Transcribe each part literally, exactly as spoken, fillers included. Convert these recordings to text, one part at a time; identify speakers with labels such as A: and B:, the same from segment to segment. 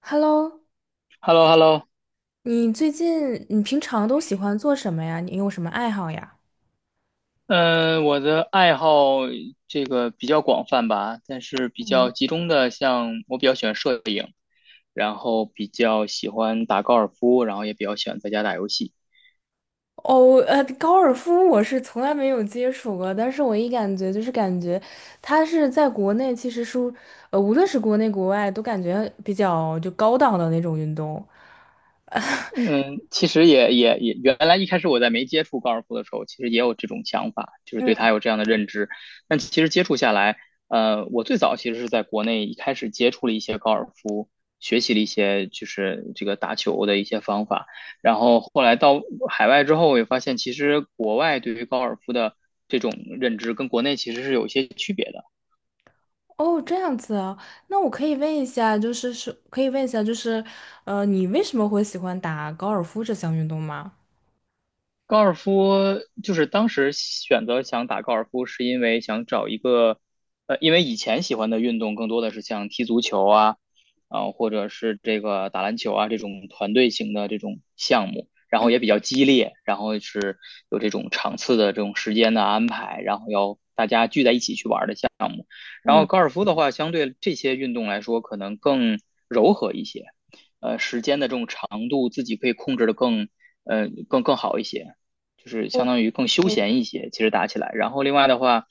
A: Hello，
B: h e l l o h e l l o.
A: 你最近你平常都喜欢做什么呀？你有什么爱好呀？
B: 嗯，我的爱好这个比较广泛吧，但是比
A: 嗯，
B: 较集中的，像我比较喜欢摄影，然后比较喜欢打高尔夫，然后也比较喜欢在家打游戏。
A: 哦，呃，高尔夫我是从来没有接触过，但是我一感觉就是感觉它是在国内其实是，呃，无论是国内国外都感觉比较就高档的那种运动。
B: 嗯，其实也也也，原来一开始我在没接触高尔夫的时候，其实也有这种想法，就是
A: 嗯，
B: 对它有这样的认知。但其实接触下来，呃，我最早其实是在国内一开始接触了一些高尔夫，学习了一些就是这个打球的一些方法。然后后来到海外之后，我也发现其实国外对于高尔夫的这种认知跟国内其实是有一些区别的。
A: 哦，这样子啊，那我可以问一下，就是是可以问一下，就是呃，你为什么会喜欢打高尔夫这项运动吗？
B: 高尔夫就是当时选择想打高尔夫，是因为想找一个，呃，因为以前喜欢的运动更多的是像踢足球啊，啊、或者是这个打篮球啊这种团队型的这种项目，然
A: 嗯
B: 后也比较激烈，然后是有这种场次的这种时间的安排，然后要大家聚在一起去玩的项然
A: 嗯，
B: 后
A: 比
B: 高尔夫的话，相对这些运动来说，可能更柔和一些，呃，时间的这种长度自己可以控制的更，呃，更更好一些，就是相当于更休闲一些。其实打起来，然后另外的话，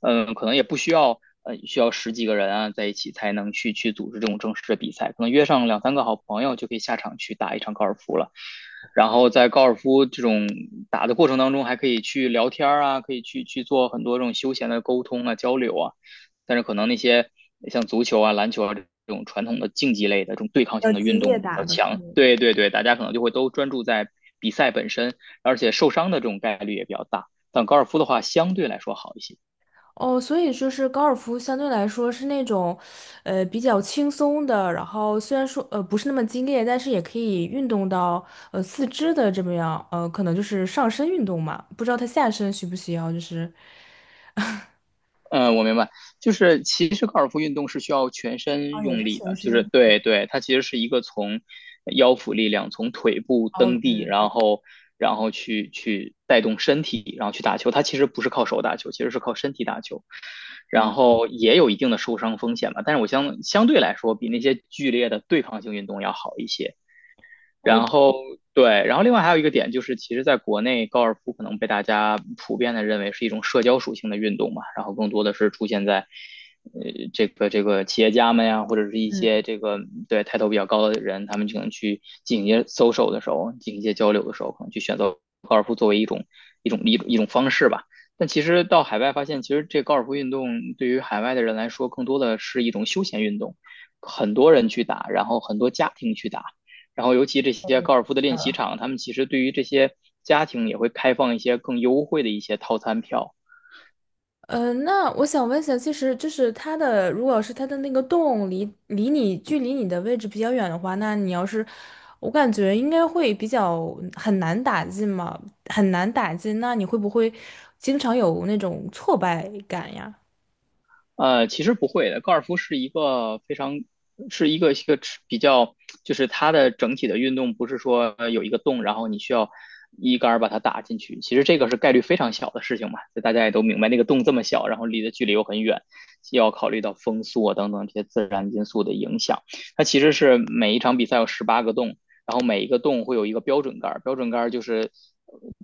B: 嗯、可能也不需要，呃，需要十几个人啊在一起才能去去组织这种正式的比赛，可能约上两三个好朋友就可以下场去打一场高尔夫了。然后在高尔夫这种打的过程当中，还可以去聊天啊，可以去去做很多这种休闲的沟通啊、交流啊。但是可能那些像足球啊、篮球啊这种传统的竞技类的这种对抗
A: 较
B: 性的
A: 激
B: 运动
A: 烈
B: 比
A: 打
B: 较
A: 的。
B: 强，对对对，大家可能就会都专注在比赛本身，而且受伤的这种概率也比较大。但高尔夫的话，相对来说好一些。
A: 哦，所以就是高尔夫相对来说是那种，呃，比较轻松的，然后虽然说呃不是那么激烈，但是也可以运动到呃四肢的这么样，呃，可能就是上身运动嘛，不知道他下身需不需要，就是
B: 嗯，我明白，就是其实高尔夫运动是需要全身
A: 啊，也
B: 用
A: 是
B: 力
A: 全
B: 的，就是
A: 身。
B: 对对，它其实是一个从腰腹力量，从腿部
A: 哦
B: 蹬地，然后然后去去带动身体，然后去打球，它其实不是靠手打球，其实是靠身体打球，
A: 嗯，
B: 然后也有一定的受伤风险吧，但是我相相对来说比那些剧烈的对抗性运动要好一些。
A: 哦。
B: 然后对，然后另外还有一个点就是，其实在国内高尔夫可能被大家普遍的认为是一种社交属性的运动嘛，然后更多的是出现在呃这个这个企业家们呀，或者是一些这个对抬头比较高的人，他们可能去进行一些 social 的时候，进行一些交流的时候，可能去选择高尔夫作为一种一种一种一种方式吧。但其实到海外发现，其实这高尔夫运动对于海外的人来说，更多的是一种休闲运动，很多人去打，然后很多家庭去打。然后尤其这些高尔夫的练习场，他们其实对于这些家庭也会开放一些更优惠的一些套餐票。
A: 呃，那我想问一下，其实就是它的，如果是它的那个洞离离你距离你的位置比较远的话，那你要是，我感觉应该会比较很难打进嘛，很难打进。那你会不会经常有那种挫败感呀？
B: 呃，其实不会的，高尔夫是一个非常是一个一个比较，就是它的整体的运动不是说呃有一个洞，然后你需要一杆把它打进去，其实这个是概率非常小的事情嘛，就大家也都明白，那个洞这么小，然后离的距离又很远，又要考虑到风速啊等等这些自然因素的影响。它其实是每一场比赛有十八个洞，然后每一个洞会有一个标准杆儿，标准杆儿就是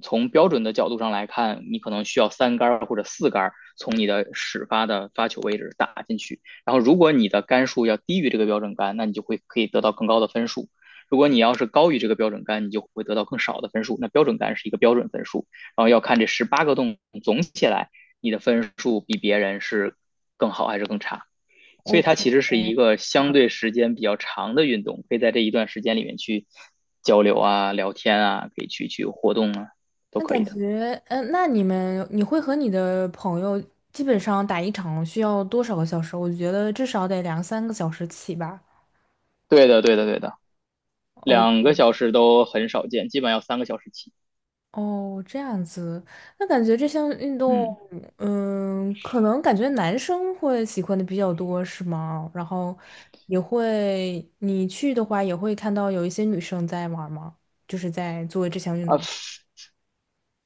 B: 从标准的角度上来看，你可能需要三杆或者四杆从你的始发的发球位置打进去。然后如果你的杆数要低于这个标准杆，那你就会可以得到更高的分数。如果你要是高于这个标准杆，你就会得到更少的分数。那标准杆是一个标准分数，然后要看这十八个洞总起来，你的分数比别人是更好还是更差。所以
A: OK，
B: 它其实是一个相对时间比较长的运动，可以在这一段时间里面去交流啊、聊天啊，可以去去活动啊，都
A: 那
B: 可
A: 感
B: 以的。
A: 觉，嗯、那你们你会和你的朋友基本上打一场需要多少个小时？我觉得至少得两三个小时起吧。
B: 对的，对的，对的，两个小时都很少见，基本要三个小时起。
A: 哦，这样子，那感觉这项运动，
B: 嗯。
A: 嗯，可能感觉男生会喜欢的比较多，是吗？然后也会，你去的话也会看到有一些女生在玩儿吗？就是在做这项运动。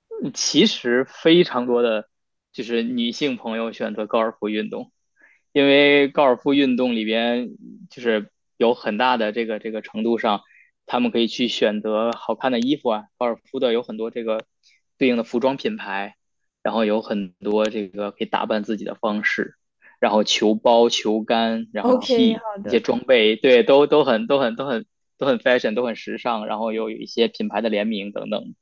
B: 嗯其实非常多的就是女性朋友选择高尔夫运动，因为高尔夫运动里边就是有很大的这个这个程度上，他们可以去选择好看的衣服啊，高尔夫的有很多这个对应的服装品牌，然后有很多这个可以打扮自己的方式，然后球包、球杆，然后
A: OK，
B: t
A: 好
B: 一
A: 的。
B: 些装备，对，都都很都很都很都很 fashion，都很时尚，然后又有一些品牌的联名等等，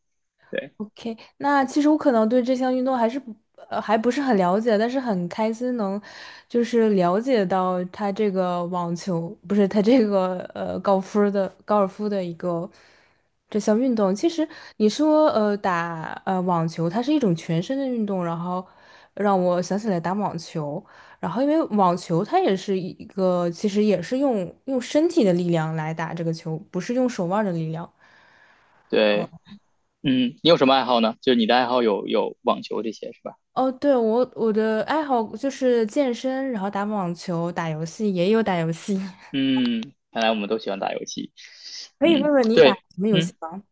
B: 对
A: OK，那其实我可能对这项运动还是不呃还不是很了解，但是很开心能就是了解到它这个网球不是它这个呃高尔夫的高尔夫的一个这项运动。其实你说呃打呃网球，它是一种全身的运动，然后让我想起来打网球，然后因为网球它也是一个其实也是用用身体的力量来打这个球，不是用手腕儿的力量。
B: 对。嗯，你有什么爱好呢？就是你的爱好有有网球这些是吧？
A: 哦，对，我我的爱好就是健身，然后打网球、打游戏，也有打游戏。
B: 嗯，看来我们都喜欢打游戏。
A: 可以问
B: 嗯，
A: 问你打
B: 对，
A: 什么游
B: 嗯。
A: 戏吗？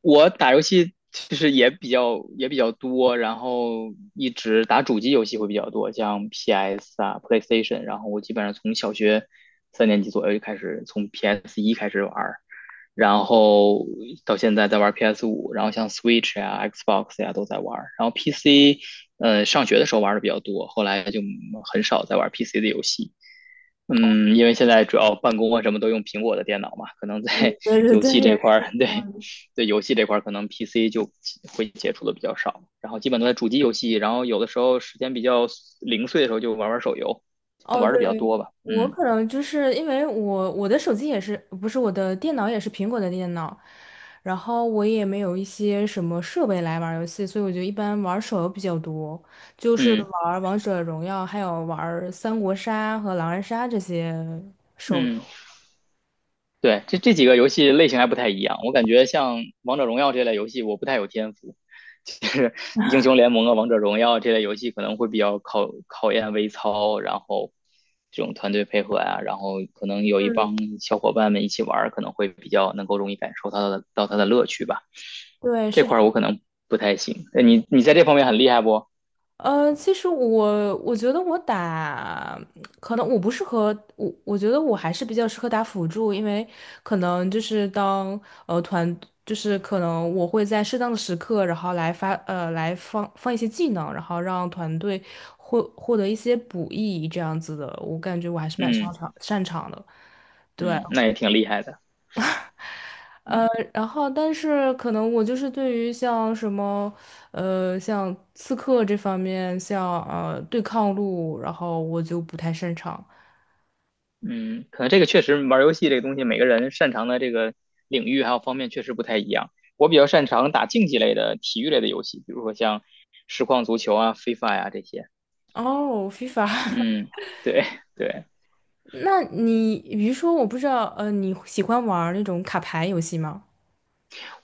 B: 我打游戏其实也比较也比较多，然后一直打主机游戏会比较多，像 P S 啊、PlayStation，然后我基本上从小学三年级左右就开始从 P S 一开始玩儿，然后到现在在玩 P S 五，然后像 Switch 呀、Xbox 呀都在玩儿，然后 P C，呃，上学的时候玩的比较多，后来就很少在玩 P C 的游戏。嗯，因为现在主要办公啊什么都用苹果的电脑嘛，可能 在
A: 对对
B: 游
A: 对，
B: 戏
A: 也
B: 这块
A: 是。
B: 儿，对，对游戏这块儿可能 P C 就会接触的比较少，然后基本都在主机游戏，然后有的时候时间比较零碎的时候就玩玩手游，
A: 哦，
B: 玩
A: 对，
B: 的比较多吧，
A: 我
B: 嗯
A: 可能就是因为我我的手机也是，不是我的电脑也是苹果的电脑，然后我也没有一些什么设备来玩儿游戏，所以我就一般玩儿手游比较多，就是
B: 嗯
A: 玩儿王者荣耀，还有玩儿三国杀和狼人杀这些手
B: 嗯，
A: 游。
B: 对，这这几个游戏类型还不太一样，我感觉像王者荣耀这类游戏我不太有天赋，其实 英雄联盟啊、王者荣耀这类游戏可能会比较考考验微操，然后这种团队配合呀、啊然后可能有一
A: 嗯，
B: 帮小伙伴们一起玩可能会比较能够容易感受到的到它的乐趣吧。
A: 对，
B: 这
A: 是。
B: 块儿我可能不太行。呃你你在这方面很厉害不？
A: 呃，其实我我觉得我打，可能我不适合我，我觉得我还是比较适合打辅助，因为可能就是当呃团，就是可能我会在适当的时刻，然后来发呃来放放一些技能，然后让团队获获得一些补益这样子的，我感觉我还是蛮擅
B: 嗯
A: 长擅长的。对。
B: 嗯，那也挺厉害的。
A: 呃，
B: 嗯
A: 然后但是可能我就是对于像什么，呃，像刺客这方面，像呃对抗路，然后我就不太擅长。
B: 嗯，可能这个确实玩游戏这个东西，每个人擅长的这个领域还有方面确实不太一样。我比较擅长打竞技类的体育类的游戏，比如说像实况足球啊、FIFA 呀、啊这些。
A: 哦，FIFA，
B: 嗯，对对，
A: 那你比如说，我不知道，呃，你喜欢玩儿那种卡牌游戏吗？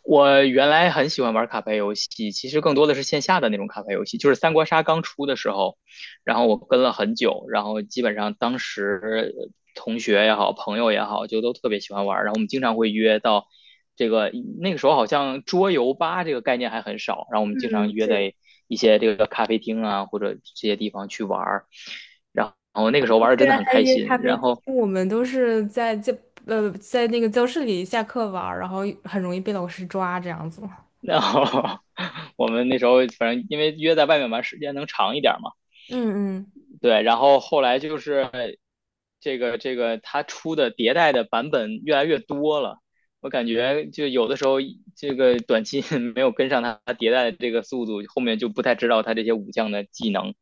B: 我原来很喜欢玩卡牌游戏，其实更多的是线下的那种卡牌游戏，就是三国杀刚出的时候，然后我跟了很久，然后基本上当时呃同学也好，朋友也好，就都特别喜欢玩，然后我们经常会约到这个那个时候好像桌游吧这个概念还很少，然后我们经
A: 嗯，
B: 常约
A: 是，
B: 在一些这个咖啡厅啊或者这些地方去玩，然后那个时候玩的
A: 虽
B: 真的
A: 然
B: 很
A: 还
B: 开
A: 约
B: 心，
A: 咖啡
B: 然
A: 厅，
B: 后
A: 我们都是在教呃在那个教室里下课玩儿然后很容易被老师抓这样子。
B: 然后 我们那时候反正因为约在外面玩时间能长一点嘛。
A: 嗯嗯，
B: 对，然后后来就是这个这个它出的迭代的版本越来越多了，我感觉就有的时候这个短期 没有跟上它迭代的这个速度，后面就不太知道它这些武将的技能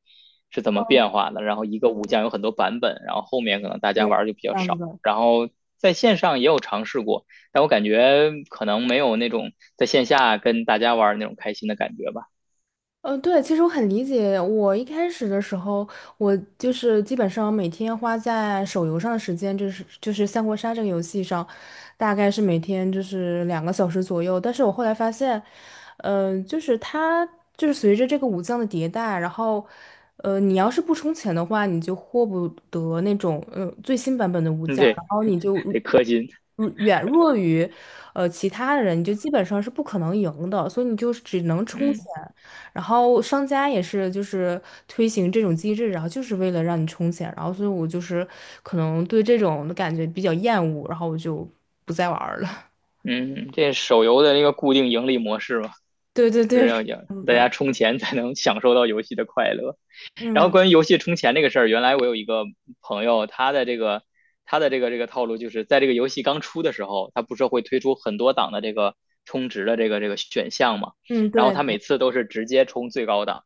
B: 是怎么变
A: 哦，
B: 化的。然后一个武将有很多版本，然后后面可能大家
A: 对，
B: 玩儿就比较
A: 这样
B: 少。
A: 子。
B: 然后在线上也有尝试过，但我感觉可能没有那种在线下跟大家玩儿那种开心的感觉吧。
A: 呃，对，其实我很理解。我一开始的时候，我就是基本上每天花在手游上的时间，就是就是三国杀这个游戏上，大概是每天就是两个小时左右。但是我后来发现，嗯、就是它就是随着这个武将的迭代，然后，呃，你要是不充钱的话，你就获不得那种呃最新版本的武
B: 嗯，
A: 将，
B: 对，
A: 然后你就
B: 得氪金。
A: 如远弱于，呃，其他人，你就基本上是不可能赢的，所以你就是只能充钱。
B: 嗯。
A: 然后商家也是就是推行这种机制，然后就是为了让你充钱，然后所以我就是可能对这种的感觉比较厌恶，然后我就不再玩儿了。
B: 嗯，这手游的一个固定盈利模式嘛，
A: 对对
B: 就是
A: 对，
B: 要要大家充钱才能享受到游戏的快乐。然后
A: 嗯
B: 关于游戏充钱这个事儿，原来我有一个朋友，他的这个他的这个这个套路就是在这个游戏刚出的时候，他不是会推出很多档的这个充值的这个这个选项嘛，
A: 嗯，
B: 然后
A: 对
B: 他
A: 的
B: 每次都是直接充最高档，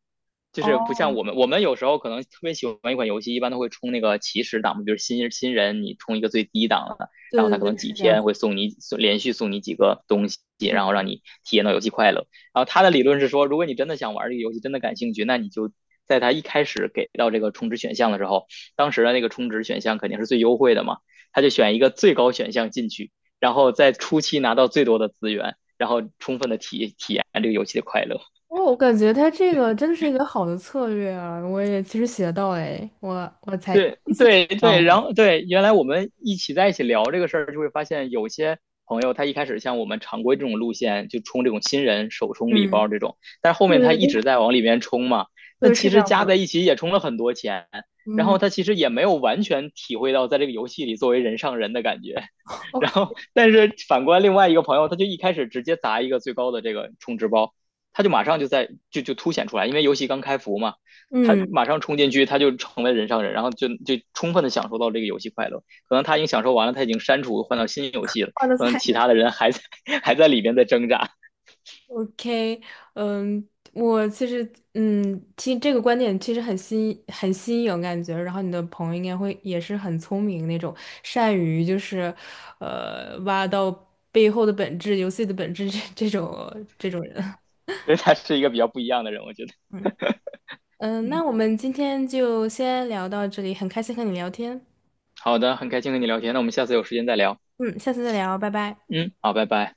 B: 就是不像
A: 哦，
B: 我们，我们有时候可能特别喜欢一款游戏，一般都会充那个起始档，比如新新人你充一个最低档的，
A: 对
B: 然后他可
A: 对
B: 能
A: 对，
B: 几
A: 是这样
B: 天
A: 子。
B: 会送你送连续送你几个东西，然后
A: 嗯，
B: 让你体验到游戏快乐。然后他的理论是说，如果你真的想玩这个游戏，真的感兴趣，那你就在他一开始给到这个充值选项的时候，当时的那个充值选项肯定是最优惠的嘛，他就选一个最高选项进去，然后在初期拿到最多的资源，然后充分的体体验这个游戏的快乐。
A: 哦，我感觉他这个真的是一个好的策略啊，我也其实学到了诶，我我才，
B: 对对对，然后对，原来我们一起在一起聊这个事儿，就会发现有些朋友他一开始像我们常规这种路线，就充这种新人首充礼
A: 嗯，
B: 包这种，但是后
A: 对
B: 面他
A: 对
B: 一
A: 对，
B: 直在往里面充嘛，那
A: 对，
B: 其
A: 是这
B: 实
A: 样
B: 加
A: 子。
B: 在一起也充了很多钱，然
A: 嗯
B: 后他其实也没有完全体会到在这个游戏里作为人上人的感觉，然
A: ，OK，
B: 后但是反观另外一个朋友，他就一开始直接砸一个最高的这个充值包，他就马上就在就就凸显出来，因为游戏刚开服嘛。他
A: 嗯，
B: 马上冲进去，他就成为人上人，然后就就充分的享受到这个游戏快乐。可能他已经享受完了，他已经删除换到新游戏了，
A: 换的
B: 可能
A: 菜。
B: 其他的人还在还在里边在挣扎，
A: OK，嗯，我其实，嗯，听这个观点其实很新，很新颖感觉。然后你的朋友应该会也是很聪明那种，善于就是，呃，挖到背后的本质、游戏的本质这这种这种人。
B: 所以他是一个比较不一样的人，我觉得。
A: 嗯，那我们今天就先聊到这里，很开心和你聊天。
B: 好的，很开心和你聊天，那我们下次有时间再聊。
A: 嗯，下次再聊，拜拜。
B: 嗯，好，拜拜。